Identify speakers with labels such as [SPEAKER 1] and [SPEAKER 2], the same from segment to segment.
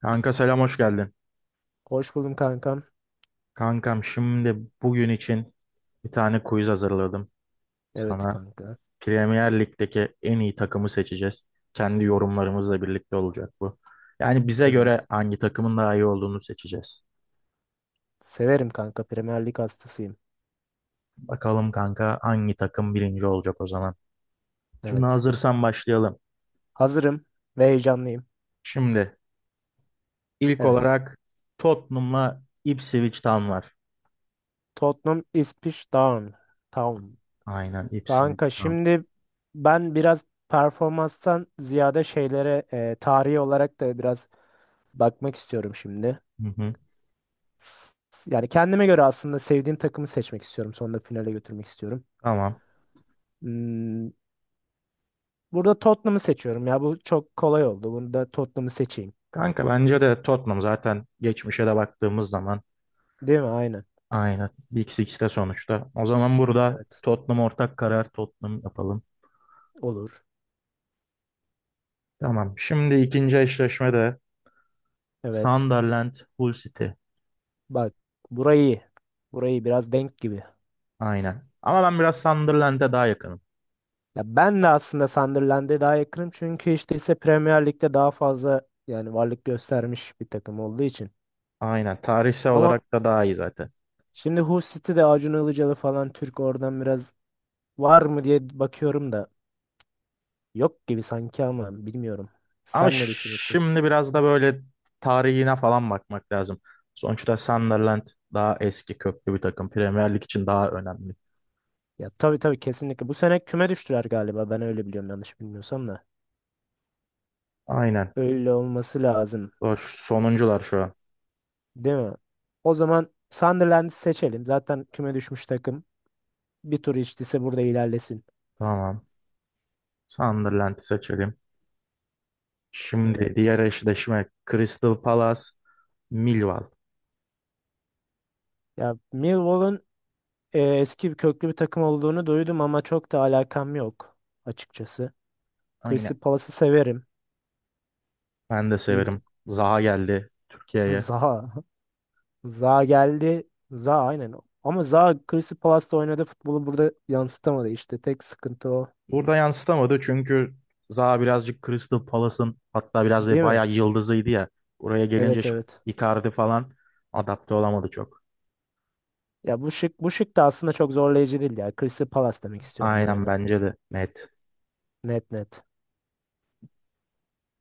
[SPEAKER 1] Kanka selam hoş geldin.
[SPEAKER 2] Hoş buldum kankam.
[SPEAKER 1] Kankam şimdi bugün için bir tane quiz hazırladım.
[SPEAKER 2] Evet
[SPEAKER 1] Sana
[SPEAKER 2] kanka.
[SPEAKER 1] Premier Lig'deki en iyi takımı seçeceğiz. Kendi yorumlarımızla birlikte olacak bu. Yani bize
[SPEAKER 2] Evet.
[SPEAKER 1] göre hangi takımın daha iyi olduğunu seçeceğiz.
[SPEAKER 2] Severim kanka. Premier Lig hastasıyım.
[SPEAKER 1] Bakalım kanka hangi takım birinci olacak o zaman. Şimdi
[SPEAKER 2] Evet.
[SPEAKER 1] hazırsan başlayalım.
[SPEAKER 2] Hazırım ve heyecanlıyım.
[SPEAKER 1] Şimdi ilk
[SPEAKER 2] Evet.
[SPEAKER 1] olarak Tottenham'la Ipswich Town var.
[SPEAKER 2] Tottenham İspiş Town. Town.
[SPEAKER 1] Aynen Ipswich
[SPEAKER 2] Kanka
[SPEAKER 1] Town.
[SPEAKER 2] şimdi ben biraz performanstan ziyade şeylere tarihi olarak da biraz bakmak istiyorum şimdi.
[SPEAKER 1] Hı hı.
[SPEAKER 2] S- Yani kendime göre aslında sevdiğim takımı seçmek istiyorum. Sonunda finale götürmek istiyorum.
[SPEAKER 1] Tamam.
[SPEAKER 2] Hmm, burada Tottenham'ı seçiyorum. Ya bu çok kolay oldu. Bunu da Tottenham'ı seçeyim.
[SPEAKER 1] Kanka bence de Tottenham zaten geçmişe de baktığımız zaman
[SPEAKER 2] Değil mi? Aynen.
[SPEAKER 1] aynen, iki 2de sonuçta. O zaman burada
[SPEAKER 2] Evet.
[SPEAKER 1] Tottenham, ortak karar Tottenham yapalım.
[SPEAKER 2] Olur.
[SPEAKER 1] Tamam. Şimdi ikinci eşleşmede
[SPEAKER 2] Evet.
[SPEAKER 1] Sunderland Hull City.
[SPEAKER 2] Bak burayı burayı biraz denk gibi.
[SPEAKER 1] Aynen. Ama ben biraz Sunderland'e daha yakınım.
[SPEAKER 2] Ya ben de aslında Sunderland'e daha yakınım çünkü işte ise Premier Lig'de daha fazla yani varlık göstermiş bir takım olduğu için.
[SPEAKER 1] Aynen. Tarihsel
[SPEAKER 2] Ama
[SPEAKER 1] olarak da daha iyi zaten.
[SPEAKER 2] şimdi Hull City'de Acun Ilıcalı falan Türk oradan biraz var mı diye bakıyorum da yok gibi sanki ama bilmiyorum.
[SPEAKER 1] Ama
[SPEAKER 2] Sen ne düşünürsün?
[SPEAKER 1] şimdi biraz da böyle tarihine falan bakmak lazım. Sonuçta Sunderland daha eski köklü bir takım. Premier Lig için daha önemli.
[SPEAKER 2] Ya tabii tabii kesinlikle. Bu sene küme düştüler galiba. Ben öyle biliyorum yanlış bilmiyorsam da.
[SPEAKER 1] Aynen.
[SPEAKER 2] Öyle olması lazım.
[SPEAKER 1] Boş sonuncular şu an.
[SPEAKER 2] Değil mi? O zaman Sunderland'i seçelim. Zaten küme düşmüş takım. Bir tur içtiyse burada ilerlesin.
[SPEAKER 1] Tamam. Sunderland'i seçelim. Şimdi
[SPEAKER 2] Evet.
[SPEAKER 1] diğer eşleşme Crystal Palace, Millwall.
[SPEAKER 2] Ya Millwall'un eski bir köklü bir takım olduğunu duydum ama çok da alakam yok açıkçası.
[SPEAKER 1] Ha, yine
[SPEAKER 2] Crystal Palace'ı severim.
[SPEAKER 1] ben de
[SPEAKER 2] İyi bir
[SPEAKER 1] severim.
[SPEAKER 2] takım.
[SPEAKER 1] Zaha geldi Türkiye'ye.
[SPEAKER 2] Zaha. Zaha geldi. Zaha aynen. Ama Zaha Crystal Palace'ta oynadığı futbolu burada yansıtamadı işte. Tek sıkıntı o.
[SPEAKER 1] Burada yansıtamadı çünkü Zaha birazcık Crystal Palace'ın, hatta biraz da
[SPEAKER 2] Değil mi?
[SPEAKER 1] bayağı yıldızıydı ya. Oraya gelince
[SPEAKER 2] Evet
[SPEAKER 1] şu
[SPEAKER 2] evet.
[SPEAKER 1] Icardi falan adapte olamadı çok.
[SPEAKER 2] Ya bu şık bu şık da aslında çok zorlayıcı değil ya. Crystal Palace demek istiyorum buraya
[SPEAKER 1] Aynen,
[SPEAKER 2] da.
[SPEAKER 1] bence de net.
[SPEAKER 2] Net net.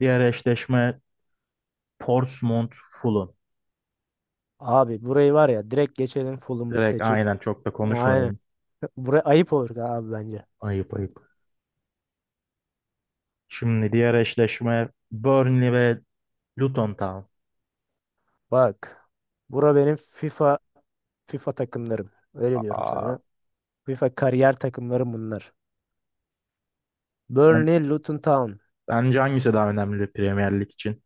[SPEAKER 1] Diğer eşleşme Portsmouth Fulham.
[SPEAKER 2] Abi burayı var ya direkt geçelim full'umu
[SPEAKER 1] Direkt
[SPEAKER 2] seçip.
[SPEAKER 1] aynen, çok da
[SPEAKER 2] Aynen.
[SPEAKER 1] konuşmayalım.
[SPEAKER 2] Buraya ayıp olur abi bence.
[SPEAKER 1] Ayıp ayıp. Şimdi diğer eşleşme Burnley ve Luton Town.
[SPEAKER 2] Bak. Bura benim FIFA takımlarım. Öyle diyorum
[SPEAKER 1] Aa,
[SPEAKER 2] sana. FIFA kariyer takımlarım bunlar.
[SPEAKER 1] sen,
[SPEAKER 2] Burnley, Luton Town.
[SPEAKER 1] bence hangisi daha önemli Premier Lig için?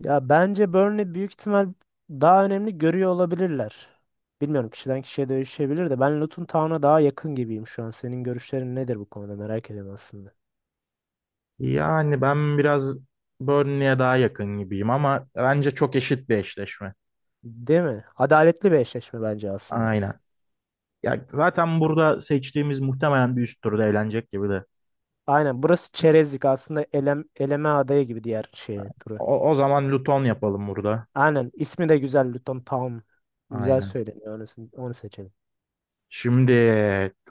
[SPEAKER 2] Ya bence Burnley büyük ihtimal daha önemli görüyor olabilirler. Bilmiyorum kişiden kişiye değişebilir de ben Luton Town'a daha yakın gibiyim şu an. Senin görüşlerin nedir bu konuda merak ediyorum aslında.
[SPEAKER 1] Yani ben biraz Burnley'e daha yakın gibiyim ama bence çok eşit bir eşleşme.
[SPEAKER 2] Değil mi? Adaletli bir eşleşme bence aslında.
[SPEAKER 1] Aynen. Ya zaten burada seçtiğimiz muhtemelen bir üst turda eğlenecek gibi de.
[SPEAKER 2] Aynen burası çerezlik aslında eleme adayı gibi diğer şey turu.
[SPEAKER 1] O zaman Luton yapalım burada.
[SPEAKER 2] Aynen ismi de güzel Luton Town. Güzel
[SPEAKER 1] Aynen.
[SPEAKER 2] söyleniyor onu seçelim.
[SPEAKER 1] Şimdi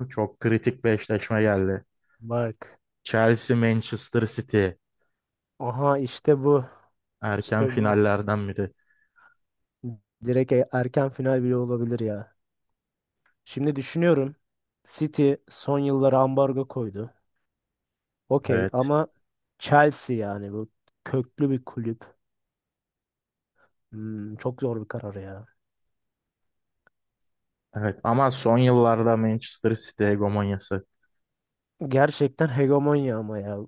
[SPEAKER 1] çok kritik bir eşleşme geldi.
[SPEAKER 2] Bak.
[SPEAKER 1] Chelsea Manchester City,
[SPEAKER 2] Aha işte bu.
[SPEAKER 1] erken
[SPEAKER 2] İşte bu.
[SPEAKER 1] finallerden biri.
[SPEAKER 2] Direkt erken final bile olabilir ya. Şimdi düşünüyorum. City son yıllara ambargo koydu. Okey
[SPEAKER 1] Evet.
[SPEAKER 2] ama Chelsea yani bu köklü bir kulüp. Çok zor bir karar ya.
[SPEAKER 1] Evet, ama son yıllarda Manchester City hegemonyası.
[SPEAKER 2] Gerçekten hegemonya ama ya.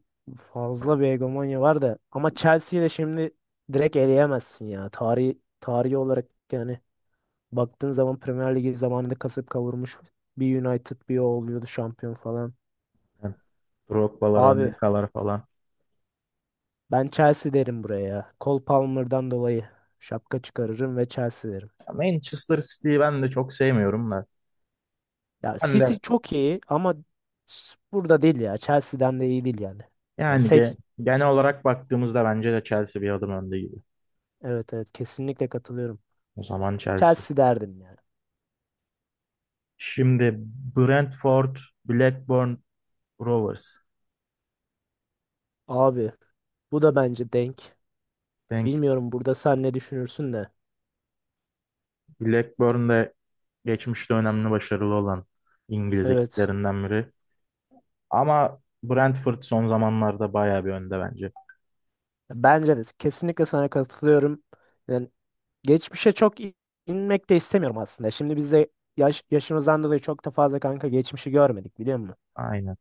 [SPEAKER 2] Fazla bir hegemonya var da. Ama Chelsea'yi de şimdi direkt eleyemezsin ya. Tarihi olarak yani baktığın zaman Premier Ligi zamanında kasıp kavurmuş bir United bir o oluyordu şampiyon falan.
[SPEAKER 1] Yani Drogba'lar,
[SPEAKER 2] Abi
[SPEAKER 1] Anelka'lar falan.
[SPEAKER 2] ben Chelsea derim buraya ya. Cole Palmer'dan dolayı şapka çıkarırım ve Chelsea derim.
[SPEAKER 1] Ya Manchester City'yi ben de çok sevmiyorum da.
[SPEAKER 2] Ya
[SPEAKER 1] Ben
[SPEAKER 2] City
[SPEAKER 1] de
[SPEAKER 2] çok iyi ama burada değil ya. Chelsea'den de iyi değil yani. Yani
[SPEAKER 1] yani
[SPEAKER 2] seç...
[SPEAKER 1] genel olarak baktığımızda bence de Chelsea bir adım önde gibi.
[SPEAKER 2] Evet evet kesinlikle katılıyorum.
[SPEAKER 1] O zaman Chelsea.
[SPEAKER 2] Chelsea derdim yani.
[SPEAKER 1] Şimdi Brentford, Blackburn, Rovers.
[SPEAKER 2] Abi bu da bence denk.
[SPEAKER 1] Denk.
[SPEAKER 2] Bilmiyorum burada sen ne düşünürsün de.
[SPEAKER 1] Blackburn de geçmişte önemli, başarılı olan İngiliz
[SPEAKER 2] Evet.
[SPEAKER 1] ekiplerinden biri. Ama Brentford son zamanlarda bayağı bir önde bence.
[SPEAKER 2] Bence de kesinlikle sana katılıyorum. Yani geçmişe çok inmek de istemiyorum aslında. Şimdi biz de yaşımızdan dolayı çok da fazla kanka geçmişi görmedik biliyor musun?
[SPEAKER 1] Aynen.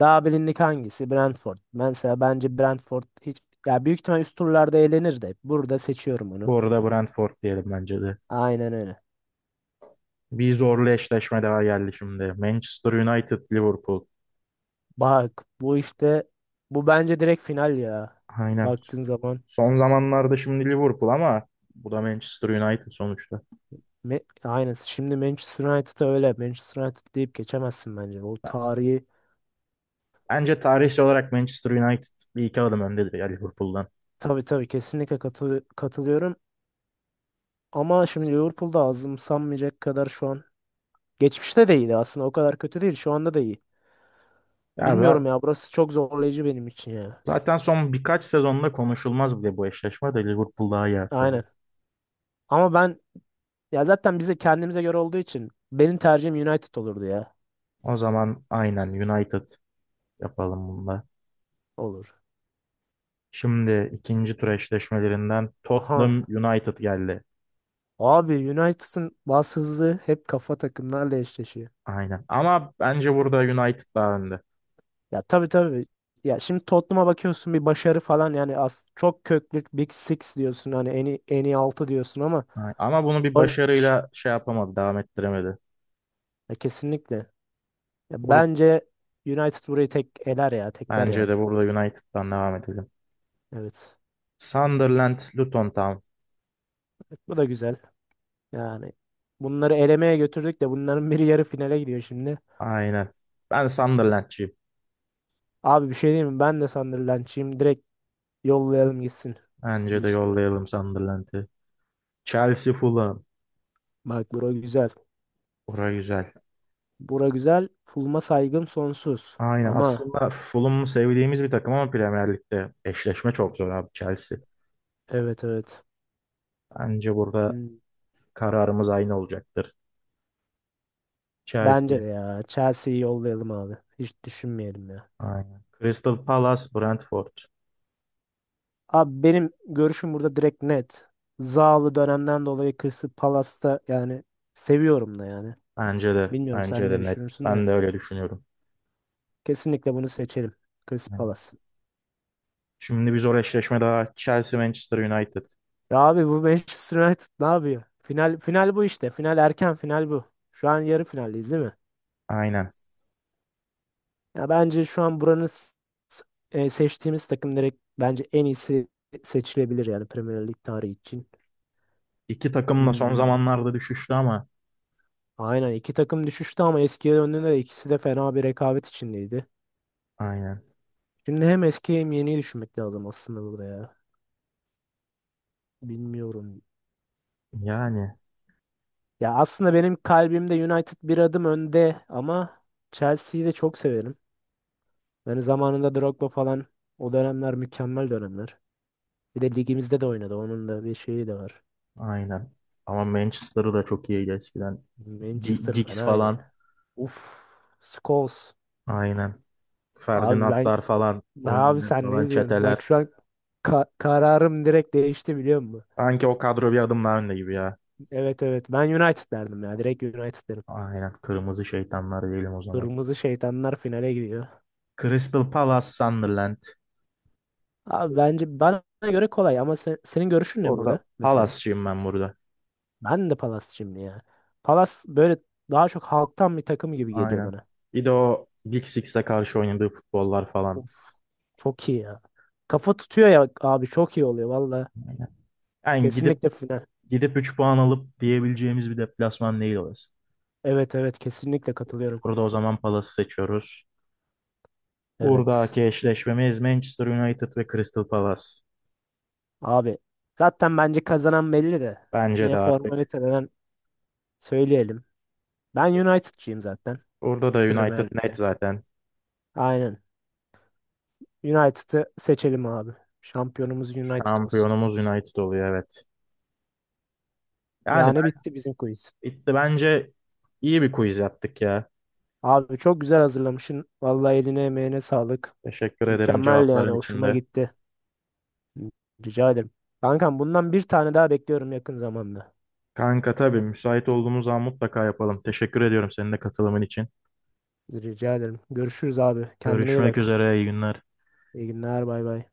[SPEAKER 2] Daha bilindik hangisi? Brentford. Mesela bence Brentford hiç ya büyük ihtimal üst turlarda eğlenir de burada seçiyorum onu.
[SPEAKER 1] Bu arada Brentford diyelim, bence de.
[SPEAKER 2] Aynen öyle.
[SPEAKER 1] Bir zorlu eşleşme daha geldi şimdi. Manchester United, Liverpool.
[SPEAKER 2] Bak bu işte bence direkt final ya.
[SPEAKER 1] Aynen.
[SPEAKER 2] Baktığın zaman.
[SPEAKER 1] Son zamanlarda şimdi Liverpool, ama bu da Manchester United sonuçta.
[SPEAKER 2] Aynen. Şimdi Manchester United'a öyle. Manchester United deyip geçemezsin bence. O tarihi
[SPEAKER 1] Bence tarihsel olarak Manchester United bir iki adım öndedir ya Liverpool'dan.
[SPEAKER 2] tabii tabii kesinlikle katılıyorum. Ama şimdi Liverpool'da azımsanmayacak kadar şu an. Geçmişte de iyiydi aslında. O kadar kötü değil. Şu anda da iyi.
[SPEAKER 1] Ya za-
[SPEAKER 2] Bilmiyorum ya. Burası çok zorlayıcı benim için ya.
[SPEAKER 1] zaten son birkaç sezonda konuşulmaz bile, bu eşleşme de Liverpool daha iyi her türlü.
[SPEAKER 2] Aynen. Ama ben ya zaten bize kendimize göre olduğu için benim tercihim United olurdu ya.
[SPEAKER 1] O zaman aynen United yapalım bunda.
[SPEAKER 2] Olur.
[SPEAKER 1] Şimdi ikinci tur eşleşmelerinden Tottenham
[SPEAKER 2] Aha.
[SPEAKER 1] United geldi.
[SPEAKER 2] Abi United'ın bas hızı hep kafa takımlarla eşleşiyor.
[SPEAKER 1] Aynen. Ama bence burada United daha önde.
[SPEAKER 2] Ya tabii tabii. Ya şimdi Tottenham'a bakıyorsun bir başarı falan yani az çok köklü Big Six diyorsun hani en iyi 6 diyorsun ama
[SPEAKER 1] Ama bunu bir
[SPEAKER 2] baş
[SPEAKER 1] başarıyla şey yapamadı, devam ettiremedi.
[SPEAKER 2] ya kesinlikle. Ya
[SPEAKER 1] Burada,
[SPEAKER 2] bence United burayı tek eler ya tekler
[SPEAKER 1] bence
[SPEAKER 2] yani.
[SPEAKER 1] de burada United'dan devam edelim.
[SPEAKER 2] Evet.
[SPEAKER 1] Sunderland, Luton Town.
[SPEAKER 2] Bu da güzel. Yani bunları elemeye götürdük de bunların biri yarı finale gidiyor şimdi.
[SPEAKER 1] Aynen. Ben Sunderland'cıyım.
[SPEAKER 2] Abi bir şey diyeyim mi? Ben de Sunderland'çıyım. Direkt yollayalım gitsin. Bir
[SPEAKER 1] Bence de
[SPEAKER 2] üstüne.
[SPEAKER 1] yollayalım Sunderland'i. Chelsea, Fulham.
[SPEAKER 2] Bak bura güzel.
[SPEAKER 1] Bura güzel.
[SPEAKER 2] Bura güzel. Fulma saygım sonsuz.
[SPEAKER 1] Aynen.
[SPEAKER 2] Ama
[SPEAKER 1] Aslında Fulham'ı sevdiğimiz bir takım ama Premier Lig'de eşleşme çok zor abi Chelsea.
[SPEAKER 2] evet evet.
[SPEAKER 1] Bence burada
[SPEAKER 2] Hmm.
[SPEAKER 1] kararımız aynı olacaktır. Chelsea.
[SPEAKER 2] Bence de ya. Chelsea'yi yollayalım abi. Hiç düşünmeyelim ya.
[SPEAKER 1] Aynen. Crystal Palace, Brentford.
[SPEAKER 2] Abi benim görüşüm burada direkt net. Zahalı dönemden dolayı Crystal Palace'ta yani seviyorum da yani.
[SPEAKER 1] Bence de.
[SPEAKER 2] Bilmiyorum
[SPEAKER 1] Bence
[SPEAKER 2] sen
[SPEAKER 1] de
[SPEAKER 2] ne
[SPEAKER 1] net.
[SPEAKER 2] düşünürsün
[SPEAKER 1] Ben
[SPEAKER 2] de.
[SPEAKER 1] de öyle düşünüyorum.
[SPEAKER 2] Kesinlikle bunu seçelim. Crystal
[SPEAKER 1] Aynen.
[SPEAKER 2] Palace.
[SPEAKER 1] Şimdi bir zor eşleşme daha. Chelsea, Manchester United.
[SPEAKER 2] Ya abi bu Manchester United ne yapıyor? Final final bu işte. Final erken final bu. Şu an yarı finaldeyiz değil mi?
[SPEAKER 1] Aynen.
[SPEAKER 2] Ya bence şu an buranın s- seçtiğimiz takım direkt bence en iyisi seçilebilir yani Premier Lig tarihi için.
[SPEAKER 1] İki takım da son
[SPEAKER 2] Hmm.
[SPEAKER 1] zamanlarda düşüştü ama
[SPEAKER 2] Aynen iki takım düşüştü ama eskiye döndüğünde de ikisi de fena bir rekabet içindeydi.
[SPEAKER 1] aynen.
[SPEAKER 2] Şimdi hem eski hem yeniyi düşünmek lazım aslında burada ya. Bilmiyorum.
[SPEAKER 1] Yani
[SPEAKER 2] Ya aslında benim kalbimde United bir adım önde ama Chelsea'yi de çok severim. Yani zamanında Drogba falan o dönemler mükemmel dönemler. Bir de ligimizde de oynadı. Onun da bir şeyi de var.
[SPEAKER 1] aynen. Ama Manchester'ı da çok iyiydi eskiden.
[SPEAKER 2] Manchester
[SPEAKER 1] Giggs
[SPEAKER 2] fenaydı
[SPEAKER 1] falan.
[SPEAKER 2] ya. Uf. Scholes.
[SPEAKER 1] Aynen.
[SPEAKER 2] Abi ben
[SPEAKER 1] Ferdinandlar falan.
[SPEAKER 2] abi
[SPEAKER 1] Rooney'ler
[SPEAKER 2] sen
[SPEAKER 1] falan.
[SPEAKER 2] ne diyorsun?
[SPEAKER 1] Çeteler.
[SPEAKER 2] Bak şu an kararım direkt değişti biliyor musun?
[SPEAKER 1] Sanki o kadro bir adım daha önde gibi ya.
[SPEAKER 2] Evet evet. Ben United derdim ya. Direkt United derim.
[SPEAKER 1] Aynen. Kırmızı şeytanlar diyelim o zaman.
[SPEAKER 2] Kırmızı şeytanlar finale gidiyor.
[SPEAKER 1] Crystal Palace, Sunderland.
[SPEAKER 2] Abi bence bana göre kolay ama senin görüşün ne
[SPEAKER 1] Orada
[SPEAKER 2] burada mesela?
[SPEAKER 1] Palace'çıyım ben burada.
[SPEAKER 2] Ben de Palas'cıyım ya. Palas böyle daha çok halktan bir takım gibi geliyor
[SPEAKER 1] Aynen.
[SPEAKER 2] bana.
[SPEAKER 1] Bir de o Big Six'e karşı oynadığı futbollar falan.
[SPEAKER 2] Of, çok iyi ya. Kafa tutuyor ya abi çok iyi oluyor valla.
[SPEAKER 1] Aynen. Yani gidip
[SPEAKER 2] Kesinlikle final.
[SPEAKER 1] gidip 3 puan alıp diyebileceğimiz bir deplasman değil orası.
[SPEAKER 2] Evet evet kesinlikle katılıyorum.
[SPEAKER 1] Burada o zaman Palace'ı seçiyoruz.
[SPEAKER 2] Evet.
[SPEAKER 1] Buradaki eşleşmemiz Manchester United ve Crystal Palace.
[SPEAKER 2] Abi zaten bence kazanan belli de.
[SPEAKER 1] Bence
[SPEAKER 2] Yine
[SPEAKER 1] de artık.
[SPEAKER 2] formaliteden söyleyelim. Ben United'cıyım zaten.
[SPEAKER 1] Burada da
[SPEAKER 2] Premier
[SPEAKER 1] United net
[SPEAKER 2] Lig'de.
[SPEAKER 1] zaten.
[SPEAKER 2] Aynen. United'ı seçelim abi. Şampiyonumuz United olsun.
[SPEAKER 1] Şampiyonumuz United oluyor, evet. Yani
[SPEAKER 2] Yani
[SPEAKER 1] ben,
[SPEAKER 2] bitti bizim quiz.
[SPEAKER 1] bitti. Bence iyi bir quiz yaptık ya.
[SPEAKER 2] Abi çok güzel hazırlamışsın. Vallahi eline emeğine sağlık.
[SPEAKER 1] Teşekkür ederim
[SPEAKER 2] Mükemmel yani
[SPEAKER 1] cevapların
[SPEAKER 2] hoşuma
[SPEAKER 1] içinde.
[SPEAKER 2] gitti. Rica ederim. Kankam bundan bir tane daha bekliyorum yakın zamanda.
[SPEAKER 1] Kanka tabii müsait olduğumuz zaman mutlaka yapalım. Teşekkür ediyorum senin de katılımın için.
[SPEAKER 2] Rica ederim. Görüşürüz abi. Kendine iyi
[SPEAKER 1] Görüşmek
[SPEAKER 2] bak.
[SPEAKER 1] üzere, iyi günler.
[SPEAKER 2] İyi günler bay bay.